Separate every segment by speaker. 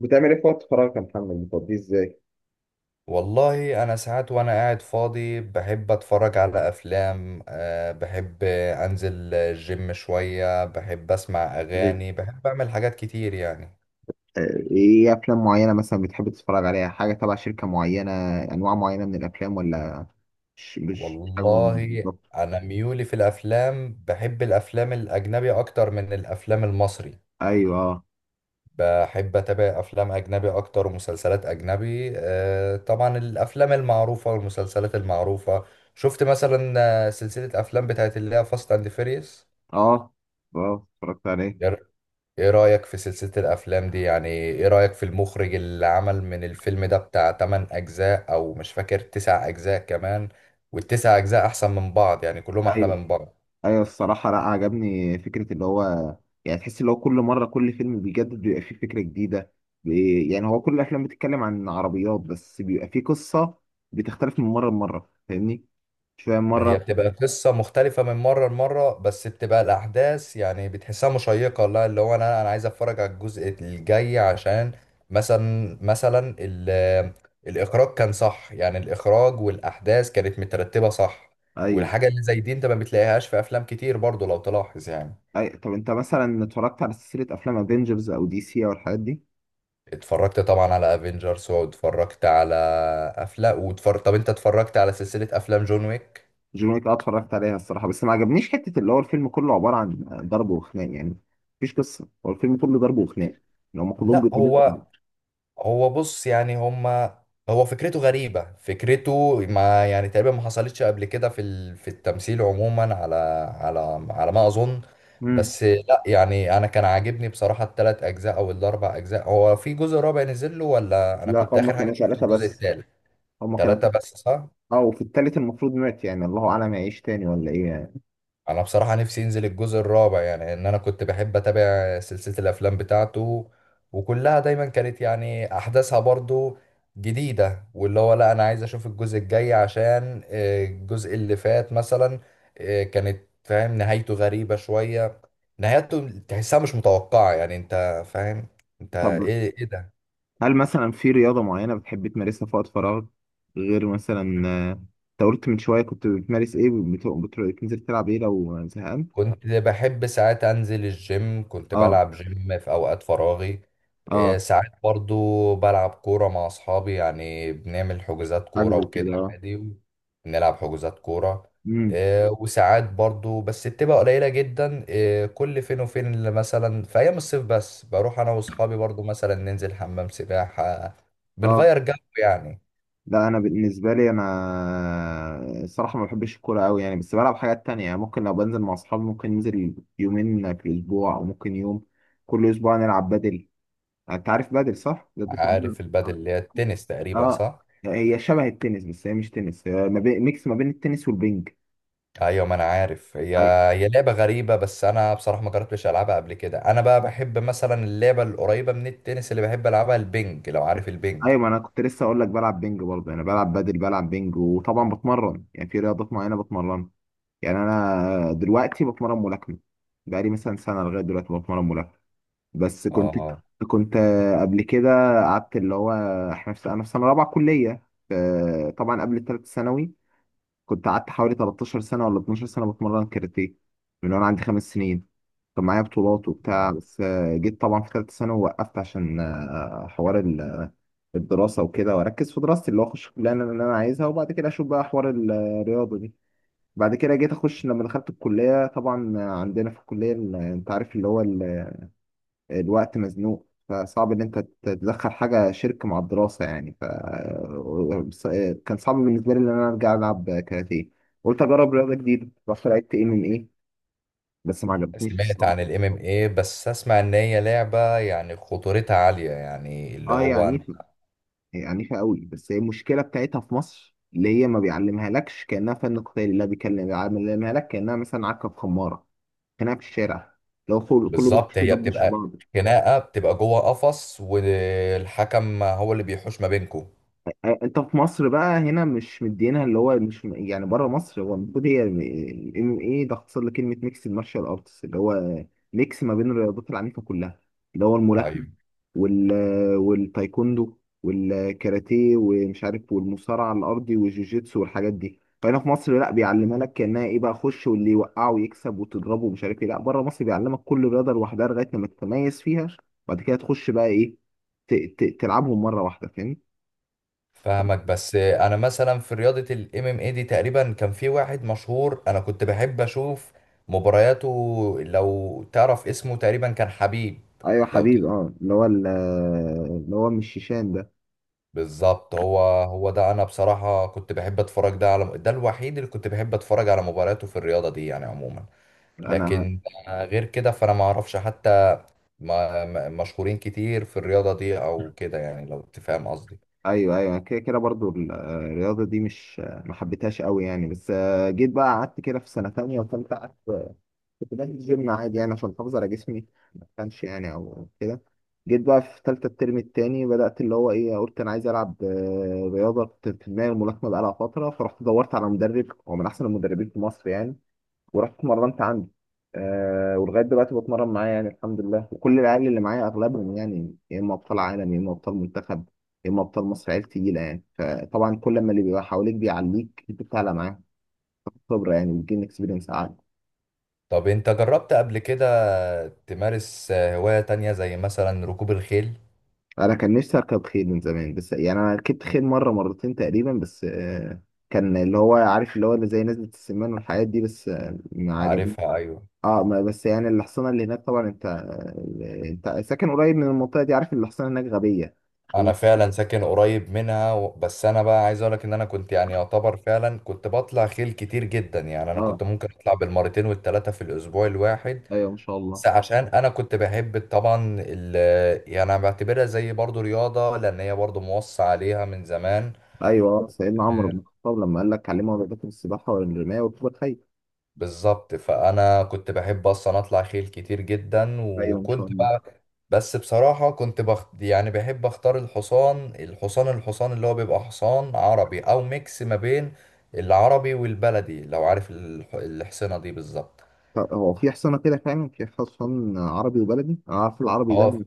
Speaker 1: بتعمل ايه في وقت فراغك يا محمد، بتقضيه ازاي؟
Speaker 2: والله انا ساعات وانا قاعد فاضي بحب اتفرج على افلام، بحب انزل الجيم شوية، بحب اسمع
Speaker 1: طيب،
Speaker 2: اغاني، بحب اعمل حاجات كتير يعني.
Speaker 1: آه، ايه افلام معينه مثلا بتحب تتفرج عليها؟ حاجه تبع شركه معينه؟ انواع معينه من الافلام ولا مش حاجه معينة
Speaker 2: والله
Speaker 1: بالظبط؟
Speaker 2: انا ميولي في الافلام بحب الافلام الاجنبي اكتر من الافلام المصري.
Speaker 1: ايوه، اه.
Speaker 2: بحب اتابع افلام اجنبي اكتر ومسلسلات اجنبي، أه طبعا الافلام المعروفة والمسلسلات المعروفة. شفت مثلا سلسلة افلام بتاعت اللي هي فاست اند فيريوس.
Speaker 1: اه، اه، اتفرجت عليه.
Speaker 2: ايه رأيك في سلسلة الافلام دي؟ يعني ايه رأيك في المخرج اللي عمل من الفيلم ده بتاع 8 اجزاء، او مش فاكر 9 اجزاء كمان؟ والتسع اجزاء احسن من بعض يعني، كلهم احلى
Speaker 1: ايوه،
Speaker 2: من بعض.
Speaker 1: ايوه، الصراحه لا، عجبني فكره اللي هو يعني، تحس اللي هو كل مره كل فيلم بيجدد، بيبقى فيه فكره جديده. يعني هو كل الافلام بتتكلم عن عربيات، بس بيبقى فيه قصه بتختلف من مره لمره، فاهمني؟ شويه
Speaker 2: ما هي
Speaker 1: مره.
Speaker 2: بتبقى قصة مختلفة من مرة لمرة، بس بتبقى الاحداث يعني بتحسها مشيقة، لا اللي هو انا عايز اتفرج على الجزء الجاي عشان مثلا مثلا ال- الاخراج كان صح، يعني الاخراج والاحداث كانت مترتبة صح.
Speaker 1: ايوه.
Speaker 2: والحاجة اللي زي دي انت ما بتلاقيهاش في افلام كتير برضو لو تلاحظ يعني.
Speaker 1: طب انت مثلا اتفرجت على سلسله افلام افنجرز او دي سي او الحاجات دي؟
Speaker 2: اتفرجت طبعا على افنجرز واتفرجت على افلام، واتفرج، طب انت اتفرجت على سلسلة افلام جون ويك؟
Speaker 1: جون ويك، اه اتفرجت عليها الصراحه، بس ما عجبنيش حته اللي هو الفيلم كله عباره عن ضرب وخناق يعني. مفيش قصه، هو الفيلم كله ضرب وخناق، يعني هم كلهم
Speaker 2: لا
Speaker 1: بيضربوا بعض.
Speaker 2: هو بص يعني هما، هو فكرته غريبة، فكرته ما يعني تقريبا ما حصلتش قبل كده في في التمثيل عموما، على على ما اظن.
Speaker 1: امم.
Speaker 2: بس لا يعني انا كان عاجبني بصراحة الثلاث اجزاء او الاربع اجزاء. هو في جزء رابع نزل له ولا انا
Speaker 1: لا،
Speaker 2: كنت
Speaker 1: هم
Speaker 2: اخر حاجة
Speaker 1: كانوا
Speaker 2: شفت
Speaker 1: ثلاثه
Speaker 2: الجزء
Speaker 1: بس.
Speaker 2: الثالث؟
Speaker 1: هم كانوا
Speaker 2: ثلاثة بس صح.
Speaker 1: اه، وفي التالت المفروض مات، يعني الله اعلم يعيش تاني ولا ايه يعني.
Speaker 2: انا بصراحة نفسي ينزل الجزء الرابع، يعني ان انا كنت بحب اتابع سلسلة الافلام بتاعته وكلها دايما كانت يعني احداثها برضو جديدة. واللي هو لا انا عايز اشوف الجزء الجاي عشان، الجزء اللي فات مثلا، كانت فاهم نهايته غريبة شوية، نهايته تحسها مش متوقعة يعني انت فاهم. انت
Speaker 1: طب،
Speaker 2: ايه ده؟
Speaker 1: هل مثلا في رياضه معينه بتحب تمارسها في وقت فراغك؟ غير مثلا، انت قلت من شويه كنت بتمارس ايه، بتنزل تلعب ايه لو زهقان؟
Speaker 2: كنت بحب ساعات انزل الجيم، كنت
Speaker 1: اه.
Speaker 2: بلعب جيم في اوقات فراغي. إيه،
Speaker 1: اه،
Speaker 2: ساعات برضو بلعب كورة مع اصحابي، يعني بنعمل حجوزات
Speaker 1: حاجة
Speaker 2: كورة
Speaker 1: زي
Speaker 2: وكده
Speaker 1: كده، اه.
Speaker 2: عادي. بنلعب حجوزات كورة.
Speaker 1: امم.
Speaker 2: إيه، وساعات برضو بس بتبقى قليلة جدا، إيه، كل فين وفين، اللي مثلا في ايام الصيف بس، بروح انا واصحابي برضو مثلا ننزل حمام سباحة،
Speaker 1: اه.
Speaker 2: بنغير جو يعني.
Speaker 1: لا، انا بالنسبه لي انا الصراحه ما بحبش الكوره قوي يعني، بس بلعب حاجات تانية. يعني ممكن لو بنزل مع اصحابي ممكن ننزل يومين في الاسبوع او ممكن يوم كل اسبوع نلعب بدل. انت عارف بدل؟ صح، ده في البدل.
Speaker 2: عارف البادل
Speaker 1: اه.
Speaker 2: اللي هي التنس تقريبا
Speaker 1: آه.
Speaker 2: صح؟
Speaker 1: هي شبه التنس، بس هي مش تنس، هي ما بين، ميكس ما بين التنس والبنج.
Speaker 2: ايوه ما انا عارف. هي
Speaker 1: أي-
Speaker 2: هي لعبه غريبه، بس انا بصراحه ما جربتش العبها قبل كده. انا بقى بحب مثلا اللعبه القريبه من التنس، اللي بحب العبها البنج لو عارف البنج.
Speaker 1: ايوه، ما انا كنت لسه اقول لك بلعب بنج برضه، انا بلعب بدل، بلعب بنج، وطبعا بتمرن، يعني في رياضات معينه بتمرن. يعني انا دلوقتي بتمرن ملاكمه، بقالي مثلا سنه لغايه دلوقتي بتمرن ملاكمه. بس كنت
Speaker 2: اه،
Speaker 1: كنت قبل كده قعدت اللي هو، احنا في انا في سنه رابعه كليه، ف- طبعا قبل الثالث ثانوي كنت قعدت حوالي 13 سنه ولا 12 سنه بتمرن كاراتيه من وانا عندي خمس سنين. كان معايا بطولات وبتاع،
Speaker 2: اه.
Speaker 1: بس جيت طبعا في ثالث ثانوي وقفت عشان حوار الدراسه وكده، واركز في دراستي اللي هو اخش الكليه اللي أنا عايزها، وبعد كده اشوف بقى حوار الرياضه دي. بعد كده جيت اخش، لما دخلت الكليه طبعا عندنا في الكليه، انت عارف اللي هو الوقت مزنوق، فصعب ان انت تدخل حاجه شرك مع الدراسه يعني، ف ص- كان صعب بالنسبه لي ان انا ارجع العب كاراتيه. قلت اجرب رياضه جديده، رحت لعبت ام ام ايه، بس ما عجبتنيش
Speaker 2: سمعت
Speaker 1: الصراحه.
Speaker 2: عن الام ام اي، بس اسمع ان هي لعبه يعني خطورتها عاليه، يعني اللي
Speaker 1: اه، هي
Speaker 2: هو
Speaker 1: عنيفه، هي عنيفه قوي. بس هي المشكله بتاعتها في مصر اللي هي ما بيعلمها لكش كانها فن قتالي، لا بيكلم بيعلمها لك كانها مثلا عكه في خماره، كانها في الشارع، لو كله كله
Speaker 2: بالظبط.
Speaker 1: بيخش
Speaker 2: هي
Speaker 1: يضبش في
Speaker 2: بتبقى
Speaker 1: بعض.
Speaker 2: خناقه، بتبقى جوه قفص والحكم هو اللي بيحوش ما بينكم.
Speaker 1: آه، انت في مصر بقى هنا مش مدينها اللي هو، مش يعني، بره مصر هو المفروض هي الام ام ايه، ده اختصار لكلمه ميكس المارشال ارتس، اللي هو ميكس ما بين الرياضات العنيفه كلها، اللي هو الملاكمه،
Speaker 2: ايوه،
Speaker 1: وال والتايكوندو والكاراتيه ومش عارف، والمصارعه الارضي والجوجيتسو والحاجات دي. فهنا في مصر لا بيعلمها لك كانها ايه بقى، خش واللي يوقعه ويكسب وتضربه ومش عارف ايه، لا بره مصر بيعلمك كل رياضه لوحدها لغايه لما تتميز فيها وبعد كده تخش بقى ايه، تلعبهم مره واحده، فاهم؟
Speaker 2: فاهمك. بس انا مثلا في رياضة الام ام اي دي تقريبا كان في واحد مشهور، انا كنت بحب اشوف مبارياته، لو تعرف اسمه تقريبا كان حبيب.
Speaker 1: ايوه
Speaker 2: لو ت-
Speaker 1: حبيب، اه اللي هو اللي هو مش شيشان ده؟
Speaker 2: بالظبط هو، هو ده. انا بصراحة كنت بحب اتفرج ده على ده الوحيد اللي كنت بحب اتفرج على مبارياته في الرياضة دي يعني عموما.
Speaker 1: انا.
Speaker 2: لكن غير كده فانا ما اعرفش حتى مشهورين كتير في الرياضة دي او كده يعني لو تفهم قصدي.
Speaker 1: ايوه، ايوه، أنا كده كده برضو الرياضه دي مش، ما حبيتهاش قوي يعني. بس جيت بقى قعدت كده في سنه تانية وثالثه، قعدت كنت بنزل الجيم عادي يعني عشان احافظ على جسمي، ما كانش يعني او كده. جيت بقى في ثالثه الترم التاني بدات اللي هو ايه، قلت انا عايز العب، رياضه كنت في دماغي، الملاكمه بقالها فتره، فرحت دورت على مدرب هو من احسن المدربين في مصر يعني، ورحت اتمرنت عنده. ولغايه دلوقتي بتمرن معاه يعني الحمد لله، وكل العيال اللي معايا اغلبهم يعني يا اما ابطال عالم، يا اما ابطال منتخب، يا اما ابطال مصر، عيال تقيله يعني. فطبعا كل ما اللي بيبقى حواليك بيعليك، انت بتعلى معاه خبره يعني، بتجيب اكسبيرينس عالي.
Speaker 2: طب انت جربت قبل كده تمارس هواية تانية زي مثلا ركوب الخيل؟
Speaker 1: انا كان نفسي اركب خيل من زمان، بس يعني انا ركبت خيل مره مرتين تقريبا بس. كان اللي هو، عارف اللي هو اللي زي نزلة السمان والحاجات دي، بس ما عجبنيش.
Speaker 2: عارفها، ايوه.
Speaker 1: اه، ما بس يعني الحصانه اللي هناك طبعا، انت ساكن قريب من المنطقه دي، عارف ان الحصانه هناك غبيه. و-
Speaker 2: انا فعلا ساكن قريب منها بس انا بقى عايز اقولك ان انا كنت يعني يعتبر فعلا كنت بطلع خيل كتير جدا، يعني انا
Speaker 1: اه.
Speaker 2: كنت ممكن اطلع بالمرتين والتلاتة في الاسبوع الواحد.
Speaker 1: ايوه، ما شاء
Speaker 2: بس
Speaker 1: الله.
Speaker 2: عشان انا كنت بحب طبعا يعني انا بعتبرها زي برضو رياضة لان هي برضو موصى عليها من زمان.
Speaker 1: ايوه، سيدنا عمرو بن الخطاب لما قال لك علموا اولادكم السباحه والرمايه وركوب الخيل.
Speaker 2: بالظبط، فانا كنت بحب اصلا اطلع خيل كتير جدا
Speaker 1: ايوه، ان شاء
Speaker 2: وكنت
Speaker 1: الله.
Speaker 2: بقى. بس بصراحة يعني بحب اختار الحصان، اللي هو بيبقى حصان عربي او ميكس ما بين العربي والبلدي، لو عارف الحصانة دي بالظبط.
Speaker 1: طب، هو في حصانه كده فعلا، في حصان عربي وبلدي؟ انا عارف العربي ده
Speaker 2: اه،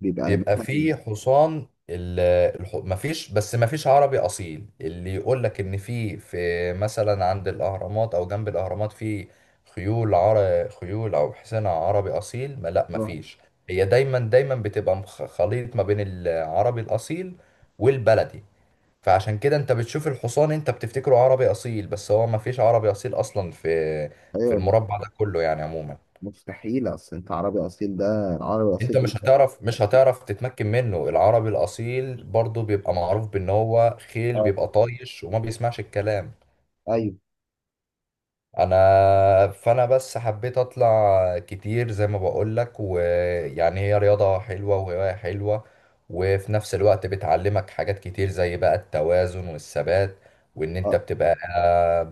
Speaker 1: بيبقى
Speaker 2: بيبقى
Speaker 1: مثلا،
Speaker 2: فيه حصان مفيش، بس مفيش عربي أصيل اللي يقول لك إن في مثلا عند الأهرامات أو جنب الأهرامات في خيول أو حصان عربي أصيل، ما، لا
Speaker 1: آه.
Speaker 2: مفيش. هي دايما دايما بتبقى خليط ما بين العربي الأصيل والبلدي. فعشان كده أنت بتشوف الحصان، أنت بتفتكره عربي أصيل، بس هو مفيش عربي أصيل أصلا في
Speaker 1: ايوه.
Speaker 2: المربع ده كله يعني عموما.
Speaker 1: مستحيل، اصل انت عربي اصيل ده، العربي الاصيل
Speaker 2: انت
Speaker 1: ده
Speaker 2: مش
Speaker 1: بيبقى.
Speaker 2: هتعرف، تتمكن منه. العربي الاصيل برضه بيبقى معروف بان هو خيل
Speaker 1: اه.
Speaker 2: بيبقى طايش وما بيسمعش الكلام.
Speaker 1: ايوه.
Speaker 2: فانا بس حبيت اطلع كتير زي ما بقولك، ويعني هي رياضة حلوة وهواية حلوة. وفي نفس الوقت بتعلمك حاجات كتير زي بقى التوازن والثبات، وان انت
Speaker 1: اه.
Speaker 2: بتبقى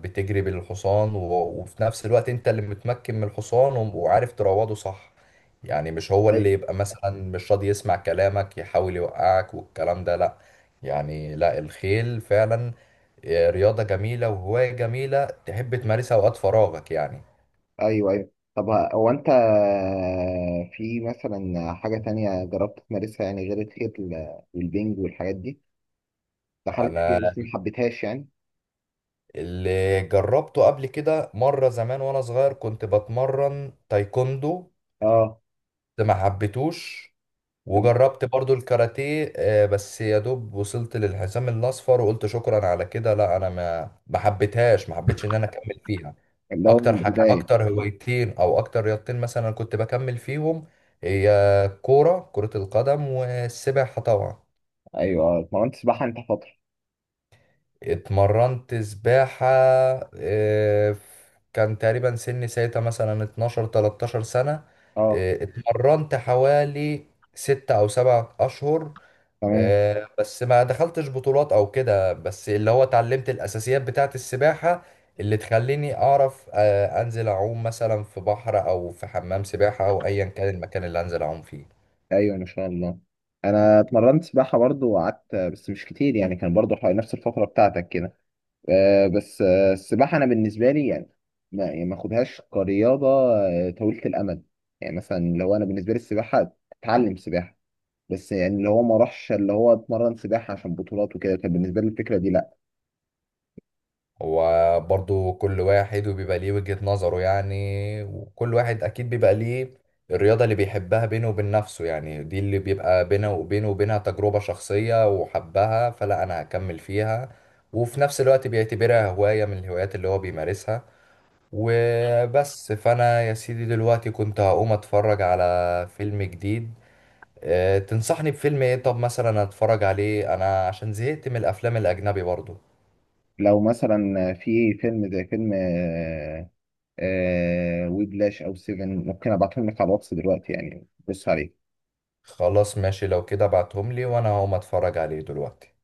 Speaker 2: بتجري بالحصان وفي نفس الوقت انت اللي متمكن من الحصان وعارف تروضه صح. يعني مش هو اللي
Speaker 1: ايوه،
Speaker 2: يبقى مثلا مش راضي يسمع كلامك يحاول يوقعك والكلام ده، لا يعني لا الخيل فعلا رياضة جميلة وهواية جميلة، تحب تمارسها اوقات فراغك يعني.
Speaker 1: ايوه، ايوه. طب، هو انت في مثلا حاجة تانية جربت تمارسها يعني غير الخيل والبنج والحاجات دي، دخلت
Speaker 2: انا
Speaker 1: فيها بس ما حبيتهاش يعني؟
Speaker 2: اللي جربته قبل كده مره زمان وانا صغير كنت بتمرن تايكوندو،
Speaker 1: اه.
Speaker 2: بس ما حبيتوش.
Speaker 1: طب،
Speaker 2: وجربت برضو الكاراتيه، بس يا دوب وصلت للحزام الاصفر وقلت شكرا على كده، لا انا ما حبيتهاش، ما حبيتش ان انا اكمل فيها.
Speaker 1: اللي هو من
Speaker 2: اكتر حاجه،
Speaker 1: البداية.
Speaker 2: اكتر هوايتين او اكتر رياضتين مثلا كنت بكمل فيهم، هي كوره، كره القدم والسباحه طبعا.
Speaker 1: ايوه، اه اتمرنت سباحة انت فترة.
Speaker 2: اتمرنت سباحة، آه، ف- كان تقريبا سني ساعتها مثلا 12 13 سنة.
Speaker 1: اه،
Speaker 2: اتمرنت حوالي 6 أو 7 أشهر.
Speaker 1: تمام.
Speaker 2: بس ما دخلتش بطولات أو كده، بس اللي هو اتعلمت الأساسيات بتاعة السباحة اللي تخليني أعرف أنزل أعوم مثلا في بحر أو في حمام سباحة أو أيا كان المكان اللي أنزل أعوم فيه.
Speaker 1: ايوه، ما شاء الله. انا اتمرنت سباحة برضو وقعدت بس مش كتير يعني، كان برضو حوالي نفس الفترة بتاعتك كده. آه، بس آه، السباحة أنا بالنسبة لي يعني ما يعني ما أخدهاش كرياضة طويلة الأمد. يعني مثلا لو أنا بالنسبة لي السباحة أتعلم سباحة بس، يعني اللي هو ما راحش اللي هو اتمرن سباحة عشان بطولات وكده، كان بالنسبة لي الفكرة دي لأ.
Speaker 2: هو برضو كل واحد وبيبقى ليه وجهة نظره يعني، وكل واحد أكيد بيبقى ليه الرياضة اللي بيحبها بينه وبين نفسه. يعني دي اللي بيبقى بينه وبينه وبينها تجربة شخصية وحبها، فلا أنا هكمل فيها وفي نفس الوقت بيعتبرها هواية من الهوايات اللي هو بيمارسها. وبس، فأنا يا سيدي دلوقتي كنت هقوم أتفرج على فيلم جديد. تنصحني بفيلم ايه طب مثلا اتفرج عليه انا عشان زهقت من الافلام الاجنبي برضو؟
Speaker 1: لو مثلا في فيلم زي فيلم ويبلاش أو سيفن، ممكن أبعتهم لك على الواتس دلوقتي يعني بص عليه.
Speaker 2: خلاص ماشي، لو كده ابعتهم لي وانا هقوم اتفرج عليه دلوقتي.